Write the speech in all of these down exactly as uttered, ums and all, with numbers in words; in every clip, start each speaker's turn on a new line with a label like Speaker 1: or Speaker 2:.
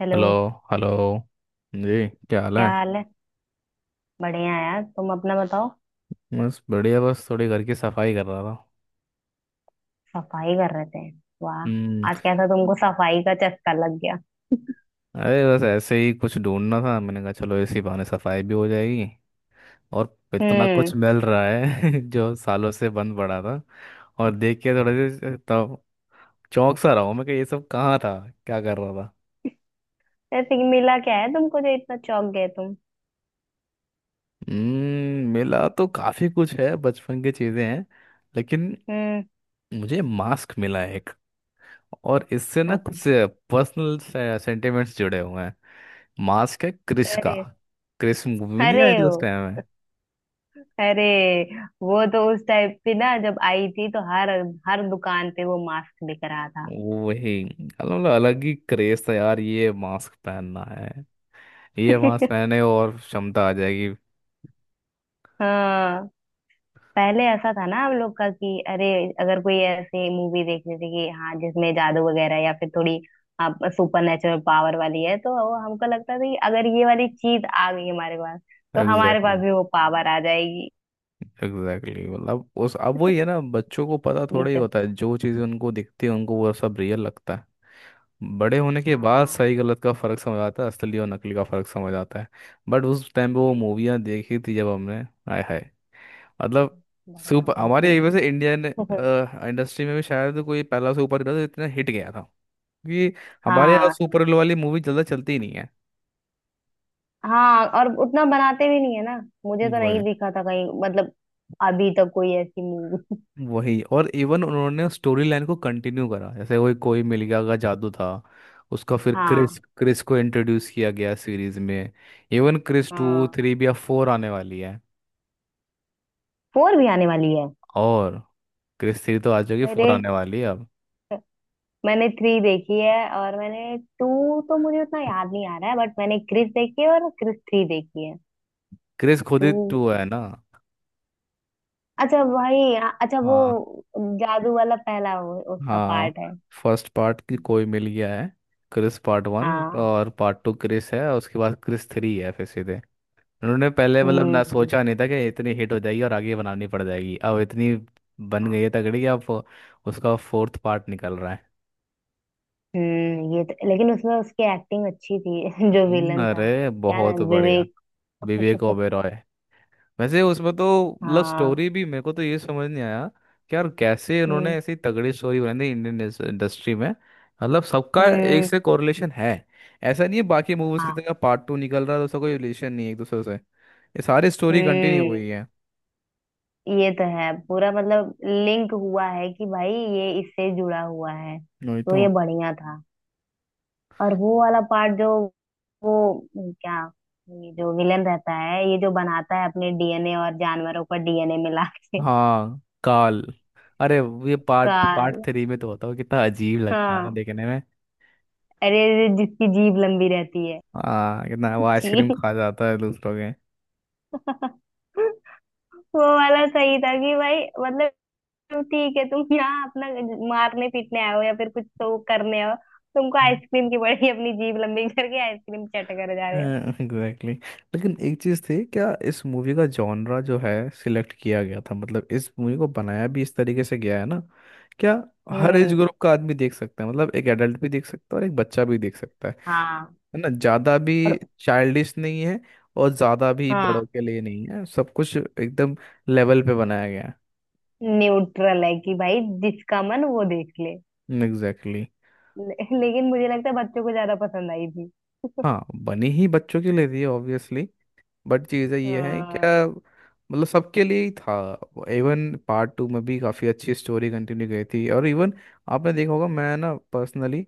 Speaker 1: Hello.
Speaker 2: Hello. Hello जी, क्या हाल है।
Speaker 1: क्या हाल है। बढ़िया है यार, तुम अपना बताओ।
Speaker 2: बस बढ़िया, बस थोड़ी घर की सफाई कर रहा था।
Speaker 1: सफाई कर रहे थे।
Speaker 2: हम्म,
Speaker 1: वाह, आज कैसा तुमको सफाई का चस्का लग गया।
Speaker 2: अरे बस ऐसे ही कुछ ढूंढना था, मैंने कहा चलो इसी बहाने सफाई भी हो जाएगी। और इतना
Speaker 1: हम्म।
Speaker 2: कुछ मिल रहा है जो सालों से बंद पड़ा था। और देख के थोड़े से तो चौंक सा रहा हूँ मैं कि ये सब कहाँ था, क्या कर रहा था।
Speaker 1: ऐसे कि मिला क्या है तुमको जो इतना चौंक गए तुम।
Speaker 2: हम्म, मिला तो काफ़ी कुछ है, बचपन की चीज़ें हैं, लेकिन
Speaker 1: हम्म।
Speaker 2: मुझे मास्क मिला एक, और इससे ना कुछ
Speaker 1: अच्छा।
Speaker 2: पर्सनल सेंटिमेंट्स जुड़े हुए हैं। मास्क है क्रिश का।
Speaker 1: अरे।
Speaker 2: क्रिश मूवी भी नहीं
Speaker 1: अरे
Speaker 2: आई थी
Speaker 1: ओ।
Speaker 2: उस टाइम में।
Speaker 1: अरे वो तो उस टाइम पे ना, जब आई थी तो हर हर दुकान पे वो मास्क बिक रहा था।
Speaker 2: वही, अलग, मतलब अलग ही क्रेज था यार, ये मास्क पहनना है, ये मास्क पहने और क्षमता आ जाएगी।
Speaker 1: हाँ। पहले ऐसा था ना हम लोग का कि अरे, अगर कोई ऐसी मूवी देखनी थी कि हाँ जिसमें जादू वगैरह या फिर थोड़ी आप सुपर नेचुरल पावर वाली है तो वो हमको लगता था कि अगर ये वाली चीज आ गई हमारे पास तो हमारे
Speaker 2: एग्जैक्टली,
Speaker 1: पास भी वो पावर आ जाएगी।
Speaker 2: एग्जैक्टली। मतलब उस अब वही है ना, बच्चों को पता
Speaker 1: ये
Speaker 2: थोड़ा ही
Speaker 1: तो।
Speaker 2: होता है, जो चीज़ें उनको दिखती है उनको वो सब रियल लगता है। बड़े होने के बाद
Speaker 1: हाँ,
Speaker 2: सही गलत का फर्क समझ आता है, असली और नकली का फर्क समझ आता है। बट उस टाइम पे वो मूवियाँ देखी थी जब हमने, आय हाय, मतलब
Speaker 1: बढ़िया
Speaker 2: सुपर,
Speaker 1: वो
Speaker 2: हमारे
Speaker 1: थी।
Speaker 2: ये वैसे इंडियन इंडस्ट्री में भी शायद कोई पहला सुपर हीरो था जो इतना हिट गया था। क्योंकि हमारे यहाँ
Speaker 1: हाँ।
Speaker 2: सुपर हीरो वाली मूवी ज़्यादा चलती ही नहीं है।
Speaker 1: हाँ, और उतना बनाते भी नहीं है ना। मुझे तो
Speaker 2: वो
Speaker 1: नहीं
Speaker 2: है,
Speaker 1: दिखा था कहीं, मतलब अभी तक कोई ऐसी मूवी।
Speaker 2: वही, और इवन उन्होंने स्टोरी लाइन को कंटिन्यू करा, जैसे वही कोई मिल गया का जादू था उसका, फिर क्रिस
Speaker 1: हाँ।
Speaker 2: क्रिस को इंट्रोड्यूस किया गया सीरीज में। इवन क्रिस टू
Speaker 1: हाँ,
Speaker 2: थ्री भी, अब फोर आने वाली है।
Speaker 1: फोर भी आने वाली है।
Speaker 2: और क्रिस थ्री तो आ जाएगी,
Speaker 1: अरे,
Speaker 2: फोर आने वाली है अब।
Speaker 1: मैंने थ्री देखी है और मैंने टू तो मुझे उतना याद नहीं आ रहा है, बट मैंने क्रिस देखी है और क्रिस थ्री देखी है।
Speaker 2: क्रिस खुद
Speaker 1: टू।
Speaker 2: ही टू है ना।
Speaker 1: अच्छा भाई। अच्छा वो
Speaker 2: हाँ।
Speaker 1: जादू वाला पहला वो, उसका
Speaker 2: हाँ,
Speaker 1: पार्ट है।
Speaker 2: फर्स्ट पार्ट की कोई मिल गया है। क्रिस पार्ट वन,
Speaker 1: हाँ।
Speaker 2: और पार्ट टू क्रिस है, और उसके बाद क्रिस थ्री है, फिर सीधे उन्होंने पहले मतलब
Speaker 1: हम्म
Speaker 2: ना
Speaker 1: हम्म।
Speaker 2: सोचा नहीं था कि इतनी हिट हो जाएगी और आगे बनानी पड़ जाएगी। अब इतनी बन गई
Speaker 1: हाँ।
Speaker 2: है तगड़ी कि अब उसका फोर्थ पार्ट निकल रहा है।
Speaker 1: हम्म। ये तो, लेकिन उसमें उसकी एक्टिंग अच्छी थी जो
Speaker 2: हम्म,
Speaker 1: विलन था।
Speaker 2: अरे
Speaker 1: क्या
Speaker 2: बहुत
Speaker 1: नाम,
Speaker 2: बढ़िया।
Speaker 1: विवेक।
Speaker 2: विवेक ओबेरॉय। वैसे उसमें तो मतलब
Speaker 1: हाँ।
Speaker 2: स्टोरी भी, मेरे को तो ये समझ नहीं आया कि यार कैसे उन्होंने
Speaker 1: हम्म
Speaker 2: ऐसी तगड़ी स्टोरी बनाई थी इंडियन इंडस्ट्री में। मतलब सबका एक
Speaker 1: हम्म।
Speaker 2: से कोरिलेशन है, ऐसा नहीं है बाकी मूवीज की
Speaker 1: हाँ।
Speaker 2: तरह, पार्ट टू निकल रहा है तो उसका कोई रिलेशन नहीं है एक दूसरे से। ये सारी स्टोरी कंटिन्यू
Speaker 1: हम्म।
Speaker 2: हुई है।
Speaker 1: ये तो है, पूरा मतलब लिंक हुआ है कि भाई ये इससे जुड़ा हुआ है,
Speaker 2: वही
Speaker 1: तो
Speaker 2: तो।
Speaker 1: ये बढ़िया था। और वो वाला पार्ट जो वो क्या, ये जो विलन रहता है, ये जो बनाता है अपने डी एन ए और जानवरों का डी एन ए मिला के।
Speaker 2: हाँ, काल। अरे वो ये पार्ट
Speaker 1: काल।
Speaker 2: पार्ट थ्री में तो होता हो कितना अजीब लगता है ना
Speaker 1: हाँ।
Speaker 2: देखने में।
Speaker 1: अरे अरे, जिसकी जीभ लंबी रहती है।
Speaker 2: हाँ, कितना वो
Speaker 1: जी।
Speaker 2: आइसक्रीम खा जाता है दूसरों
Speaker 1: वो वाला सही था कि भाई मतलब ठीक है, तुम यहाँ अपना मारने पीटने आए हो या फिर कुछ तो करने आओ। तुमको
Speaker 2: के।
Speaker 1: आइसक्रीम की बड़ी अपनी जीभ लंबी करके आइसक्रीम चट कर जा रहे हो।
Speaker 2: एग्जैक्टली। लेकिन एक चीज थी क्या, इस मूवी का जॉनरा जो है सिलेक्ट किया गया था, मतलब इस मूवी को बनाया भी इस तरीके से गया है ना, क्या, हर एज
Speaker 1: हम्म।
Speaker 2: ग्रुप का आदमी देख सकता है। मतलब एक एडल्ट भी देख सकता है और एक बच्चा भी देख सकता है।
Speaker 1: हाँ।
Speaker 2: है ना, ज्यादा भी
Speaker 1: और
Speaker 2: चाइल्डिश नहीं है और ज्यादा भी बड़ों
Speaker 1: हाँ
Speaker 2: के लिए नहीं है, सब कुछ एकदम लेवल पे बनाया गया
Speaker 1: न्यूट्रल है कि भाई जिसका मन वो देख ले।
Speaker 2: है। Exactly, exactly.
Speaker 1: ले, लेकिन मुझे लगता है बच्चों को ज्यादा पसंद आई थी।
Speaker 2: हाँ, बनी ही बच्चों के लिए थी ऑब्वियसली, बट चीज़ें ये हैं
Speaker 1: हाँ।
Speaker 2: क्या, मतलब सबके लिए ही था। इवन पार्ट टू में भी काफ़ी अच्छी स्टोरी कंटिन्यू गई थी। और इवन आपने देखा होगा, मैं ना पर्सनली,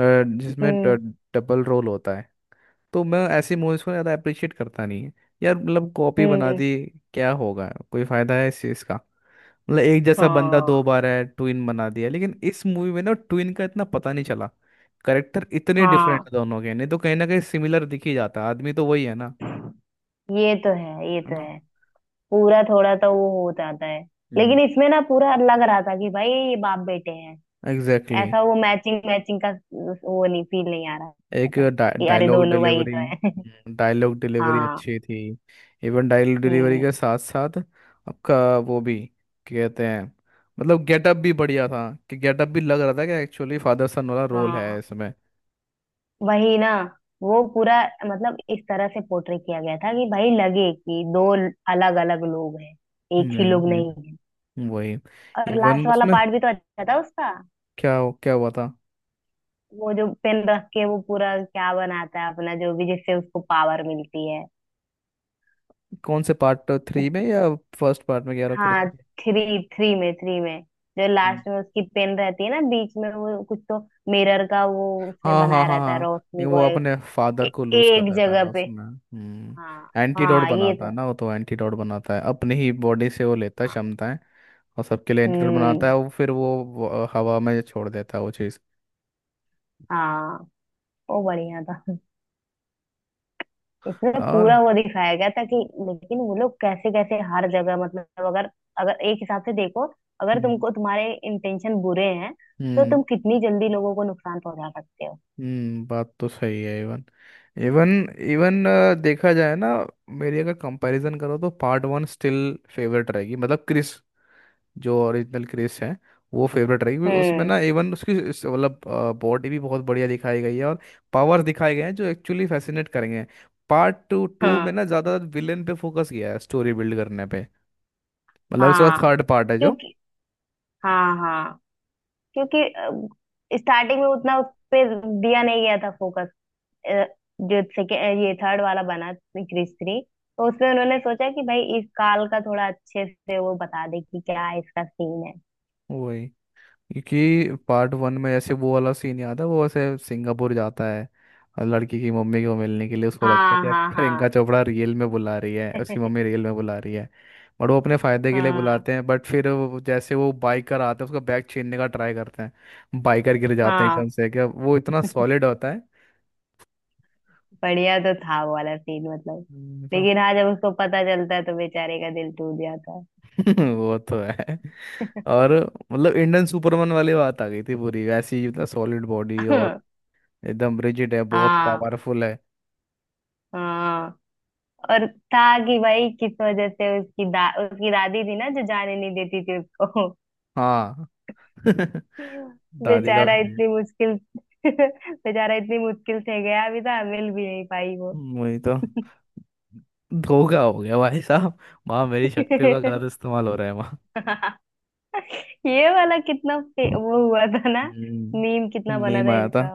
Speaker 2: जिसमें
Speaker 1: हम्म
Speaker 2: डबल रोल होता है तो मैं ऐसी मूवीज़ को ज़्यादा अप्रिशिएट करता नहीं है यार। मतलब कॉपी बना
Speaker 1: हम्म।
Speaker 2: दी, क्या होगा, कोई फ़ायदा है इस चीज़ का, मतलब एक जैसा बंदा
Speaker 1: हाँ।
Speaker 2: दो बार है, ट्विन बना दिया। लेकिन इस मूवी में ना ट्विन का इतना पता नहीं चला, करेक्टर इतने
Speaker 1: हाँ,
Speaker 2: डिफरेंट दोनों के, नहीं तो कहीं ना कहीं सिमिलर दिख ही जाता, आदमी तो वही है ना।
Speaker 1: ये तो है, ये तो
Speaker 2: है
Speaker 1: है। पूरा थोड़ा तो वो हो जाता है।
Speaker 2: ना,
Speaker 1: लेकिन इसमें ना पूरा लग रहा था कि भाई ये बाप बेटे हैं।
Speaker 2: Exactly, exactly.
Speaker 1: ऐसा वो मैचिंग मैचिंग का वो नहीं, फील नहीं आ रहा
Speaker 2: एक
Speaker 1: था कि अरे
Speaker 2: डायलॉग
Speaker 1: दोनों भाई तो
Speaker 2: डिलीवरी,
Speaker 1: है।
Speaker 2: डायलॉग डिलीवरी
Speaker 1: हाँ।
Speaker 2: अच्छी थी। इवन डायलॉग डिलीवरी
Speaker 1: हम्म।
Speaker 2: के साथ साथ आपका वो भी, क्या कहते हैं, मतलब गेटअप भी बढ़िया था, कि गेटअप भी लग रहा था कि एक्चुअली फादर सन वाला रोल है
Speaker 1: हाँ,
Speaker 2: इसमें।
Speaker 1: वही ना। वो पूरा मतलब इस तरह से पोर्ट्रे किया गया था कि भाई लगे कि दो अलग अलग लोग हैं, एक ही लोग नहीं
Speaker 2: हम्म,
Speaker 1: है।
Speaker 2: वही।
Speaker 1: और लास्ट
Speaker 2: इवन
Speaker 1: वाला
Speaker 2: उसमें
Speaker 1: पार्ट भी तो अच्छा था उसका।
Speaker 2: क्या क्या हुआ था।
Speaker 1: वो जो पेन रख के वो पूरा क्या बनाता है अपना, जो भी जिससे उसको पावर मिलती है।
Speaker 2: कौन से, पार्ट थ्री में या फर्स्ट पार्ट में कह रहा
Speaker 1: हाँ। थ्री थ्री में थ्री में जो
Speaker 2: हूँ।
Speaker 1: लास्ट में उसकी पेन रहती है ना बीच में वो कुछ तो मिरर का वो उसने
Speaker 2: हाँ हाँ
Speaker 1: बनाया
Speaker 2: हाँ
Speaker 1: रहता है
Speaker 2: हाँ, ये
Speaker 1: रोशनी
Speaker 2: वो
Speaker 1: को ए,
Speaker 2: अपने फादर
Speaker 1: ए,
Speaker 2: को लूज कर
Speaker 1: एक
Speaker 2: देता है ना
Speaker 1: जगह पे।
Speaker 2: उसमें, हम्म,
Speaker 1: हाँ
Speaker 2: एंटीडोट
Speaker 1: हाँ, ये
Speaker 2: बनाता
Speaker 1: तो
Speaker 2: है
Speaker 1: है।
Speaker 2: ना वो, तो एंटीडोट बनाता है अपनी ही बॉडी से, वो लेता है
Speaker 1: हाँ।
Speaker 2: क्षमताएं और सबके लिए एंटीडोट बनाता
Speaker 1: हम्म।
Speaker 2: है वो, फिर वो वो हवा में छोड़ देता है वो चीज़।
Speaker 1: हाँ, वो बढ़िया था। इसमें
Speaker 2: और
Speaker 1: पूरा वो दिखाया गया था कि लेकिन वो लोग कैसे कैसे हर जगह, मतलब अगर अगर एक हिसाब से देखो, अगर
Speaker 2: हम्म
Speaker 1: तुमको तुम्हारे इंटेंशन बुरे हैं तो
Speaker 2: हम्म,
Speaker 1: तुम कितनी जल्दी लोगों को नुकसान पहुंचा सकते हो।
Speaker 2: हम्म, बात तो सही है। इवन इवन इवन देखा जाए ना, मेरी अगर कंपैरिजन करो तो पार्ट वन स्टिल फेवरेट रहेगी, मतलब क्रिस, जो ओरिजिनल क्रिस है वो फेवरेट रहेगी, क्योंकि उसमें
Speaker 1: हम्म।
Speaker 2: ना इवन उसकी इस- मतलब बॉडी भी बहुत बढ़िया दिखाई गई है और पावर्स दिखाए गए हैं जो एक्चुअली फैसिनेट करेंगे। पार्ट टू टू में
Speaker 1: हाँ।
Speaker 2: ना ज़्यादा विलेन पे फोकस किया है, स्टोरी बिल्ड करने पे, मतलब इसका
Speaker 1: हाँ।
Speaker 2: थर्ड पार्ट है जो,
Speaker 1: क्योंकि हाँ हाँ, क्योंकि स्टार्टिंग में उतना उस पे दिया नहीं गया था फोकस, जो सेके- ये थर्ड वाला बना, क्रिस थ्री। तो उसमें उन्होंने सोचा कि भाई इस काल का थोड़ा अच्छे से वो बता दे कि क्या इसका सीन है।
Speaker 2: वही, क्योंकि पार्ट वन में जैसे वो वाला सीन याद है, वो ऐसे सिंगापुर जाता है और लड़की की मम्मी को मिलने के लिए, उसको लगता है
Speaker 1: हाँ
Speaker 2: कि यार
Speaker 1: हाँ
Speaker 2: प्रियंका
Speaker 1: हाँ
Speaker 2: चोपड़ा रियल में बुला रही है, उसकी मम्मी रियल में बुला रही है, बट वो अपने फायदे के लिए
Speaker 1: हाँ
Speaker 2: बुलाते हैं, बट फिर वो- जैसे वो बाइकर आता है उसका बैग छीनने का ट्राई करते हैं, बाइकर गिर जाते हैं
Speaker 1: हाँ।
Speaker 2: एकदम से, क्या वो इतना सॉलिड होता है।
Speaker 1: बढ़िया तो था वो वाला सीन, मतलब
Speaker 2: हम्म, तो
Speaker 1: लेकिन हाँ जब उसको पता चलता है तो बेचारे का दिल टूट जाता है।
Speaker 2: वो तो है। और मतलब इंडियन सुपरमैन वाली बात आ गई थी पूरी, वैसी मतलब सॉलिड बॉडी और एकदम रिजिड है, बहुत
Speaker 1: हाँ।
Speaker 2: पावरफुल है।
Speaker 1: हाँ। और था कि भाई किस वजह से उसकी दा उसकी दादी थी ना जो जाने नहीं देती थी उसको।
Speaker 2: हाँ। दादी का भी
Speaker 1: बेचारा
Speaker 2: सही,
Speaker 1: इतनी मुश्किल। बेचारा इतनी मुश्किल से गया अभी था, मिल भी नहीं पाई वो।
Speaker 2: वही तो, धोखा हो गया भाई साहब। माँ, मेरी शक्तियों का गलत इस्तेमाल हो रहा है माँ।
Speaker 1: ये वाला कितना फे- वो हुआ था ना। मीम
Speaker 2: हम्म,
Speaker 1: कितना बना
Speaker 2: नीम
Speaker 1: था
Speaker 2: आया था।
Speaker 1: इसका।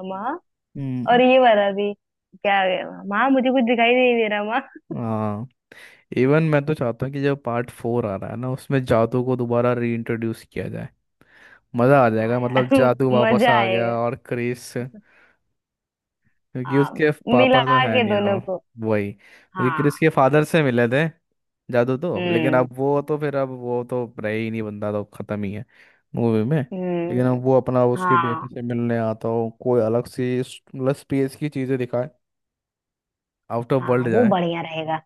Speaker 1: और
Speaker 2: हम्म।
Speaker 1: ये वाला भी। क्या गया, माँ मुझे कुछ दिखाई नहीं दे रहा माँ।
Speaker 2: हाँ, इवन मैं तो चाहता हूँ कि जब पार्ट फोर आ रहा है ना उसमें जादू को दोबारा रीइंट्रोड्यूस किया जाए। मजा आ
Speaker 1: हाँ
Speaker 2: जाएगा,
Speaker 1: यार,
Speaker 2: मतलब जादू
Speaker 1: यार
Speaker 2: वापस
Speaker 1: मजा
Speaker 2: आ गया
Speaker 1: आएगा।
Speaker 2: और क्रेज से। क्योंकि
Speaker 1: हाँ,
Speaker 2: उसके
Speaker 1: मिला
Speaker 2: पापा तो है
Speaker 1: के
Speaker 2: नहीं, और
Speaker 1: दोनों को।
Speaker 2: वही, क्योंकि क्रिस
Speaker 1: हाँ।
Speaker 2: के फादर से मिले थे जादू तो, लेकिन अब
Speaker 1: हम्म
Speaker 2: वो तो, फिर अब वो तो रहे ही नहीं, बंदा तो खत्म ही है मूवी में। लेकिन
Speaker 1: हम्म।
Speaker 2: अब वो अपना उसके
Speaker 1: हाँ।
Speaker 2: बेटे से मिलने आता हो, कोई अलग सी स- मतलब स्पेस की चीजें दिखाए, आउट ऑफ
Speaker 1: हाँ,
Speaker 2: वर्ल्ड
Speaker 1: वो
Speaker 2: जाए।
Speaker 1: बढ़िया रहेगा।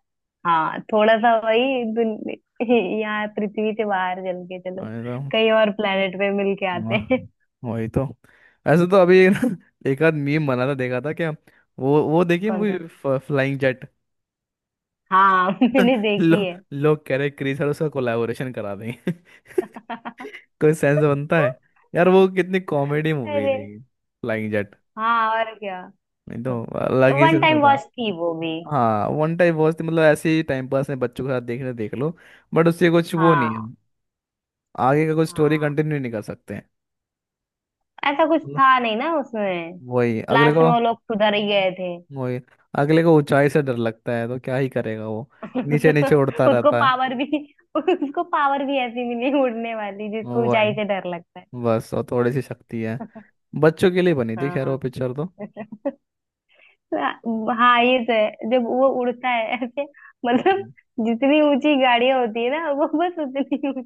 Speaker 1: हाँ, थोड़ा सा वही दुन- यहाँ पृथ्वी से बाहर चल के चलो,
Speaker 2: अरे तो
Speaker 1: कहीं और प्लेनेट पे मिल के आते
Speaker 2: वाह,
Speaker 1: हैं।
Speaker 2: वही तो। ऐसे तो अभी ना, एक आध मीम बना था देखा था क्या, वो वो देखिए
Speaker 1: कौन
Speaker 2: मूवी,
Speaker 1: सा।
Speaker 2: Flying jet.
Speaker 1: हाँ, मैंने
Speaker 2: लो,
Speaker 1: देखी है।
Speaker 2: लोग कह रहे क्रिस और उसका कोलैबोरेशन करा देंगे। कोई सेंस बनता है यार, वो कितनी कॉमेडी मूवी
Speaker 1: अरे।
Speaker 2: थी फ्लाइंग जेट।
Speaker 1: हाँ और क्या।
Speaker 2: नहीं तो अलग ही
Speaker 1: वन
Speaker 2: सिलसिला
Speaker 1: टाइम
Speaker 2: था।
Speaker 1: वॉच थी वो भी।
Speaker 2: हाँ, वन टाइम वॉच थी, मतलब ऐसे ही टाइम पास में बच्चों के साथ देखने देख लो, बट उससे कुछ वो नहीं है,
Speaker 1: हाँ।
Speaker 2: आगे का कुछ स्टोरी
Speaker 1: हाँ,
Speaker 2: कंटिन्यू नहीं कर सकते हैं।
Speaker 1: ऐसा कुछ
Speaker 2: मतलब,
Speaker 1: था नहीं ना उसमें।
Speaker 2: वही अगले
Speaker 1: लास्ट
Speaker 2: को,
Speaker 1: में वो लोग सुधर ही गए थे।
Speaker 2: वही अगले को ऊंचाई से डर लगता है तो क्या ही करेगा वो, नीचे नीचे उड़ता
Speaker 1: उसको
Speaker 2: रहता है।
Speaker 1: पावर भी। उसको पावर भी ऐसी मिली उड़ने वाली जिसको
Speaker 2: वही,
Speaker 1: ऊंचाई से डर लगता है।
Speaker 2: बस और थोड़ी सी शक्ति है, बच्चों के लिए बनी थी खैर वो
Speaker 1: हाँ।
Speaker 2: पिक्चर तो।
Speaker 1: हाँ ये तो है, जब वो उड़ता है ऐसे मतलब
Speaker 2: हम्म।
Speaker 1: जितनी ऊंची गाड़ियां होती है ना वो बस उतनी ऊंच-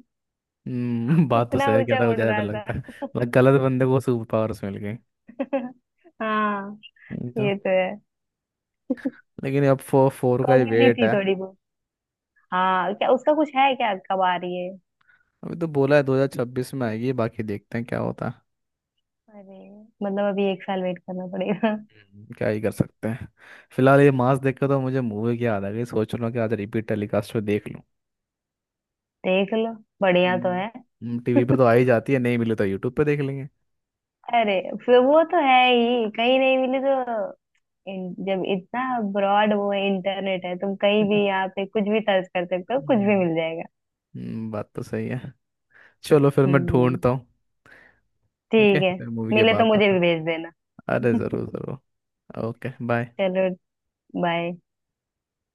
Speaker 2: हम्म, बात तो
Speaker 1: उतना
Speaker 2: सही है, क्या
Speaker 1: ऊंचा
Speaker 2: था
Speaker 1: उड़
Speaker 2: ज़्यादा डर
Speaker 1: रहा था।
Speaker 2: लगता है, मतलब गलत बंदे को सुपर पावर्स मिल गई।
Speaker 1: हाँ,
Speaker 2: ये तो,
Speaker 1: ये तो है।
Speaker 2: लेकिन अब फोर फोर का ही
Speaker 1: कॉमेडी
Speaker 2: वेट
Speaker 1: थी
Speaker 2: है।
Speaker 1: थोड़ी बहुत। हाँ, क्या उसका कुछ है, क्या कब आ रही है।
Speaker 2: अभी तो बोला है दो हज़ार छब्बीस में आएगी, बाकी देखते हैं क्या होता है।
Speaker 1: अरे, मतलब अभी एक साल वेट करना पड़ेगा।
Speaker 2: हम्म, क्या ही कर सकते हैं। फिलहाल ये मास देख के तो मुझे मूवी की याद आ गई, सोच रहा हूँ कि आज रिपीट टेलीकास्ट पे देख लूँ।
Speaker 1: देख लो, बढ़िया तो है।
Speaker 2: टीवी पे तो आ ही जाती है, नहीं मिली तो यूट्यूब पे देख लेंगे।
Speaker 1: अरे फिर वो तो है ही, कहीं नहीं मिली तो। इन- जब इतना ब्रॉड वो है, इंटरनेट है, तुम कहीं भी यहाँ पे कुछ भी सर्च कर सकते हो, कुछ भी
Speaker 2: हम्म,
Speaker 1: मिल जाएगा।
Speaker 2: हम्म, बात तो सही है। चलो फिर मैं
Speaker 1: हम्म।
Speaker 2: ढूंढता हूँ। ओके,
Speaker 1: ठीक है।
Speaker 2: फिर मूवी के
Speaker 1: मिले तो
Speaker 2: बाद बात
Speaker 1: मुझे
Speaker 2: करते
Speaker 1: भी भेज देना।
Speaker 2: हैं। अरे ज़रूर ज़रूर। Okay bye.
Speaker 1: चलो। बाय।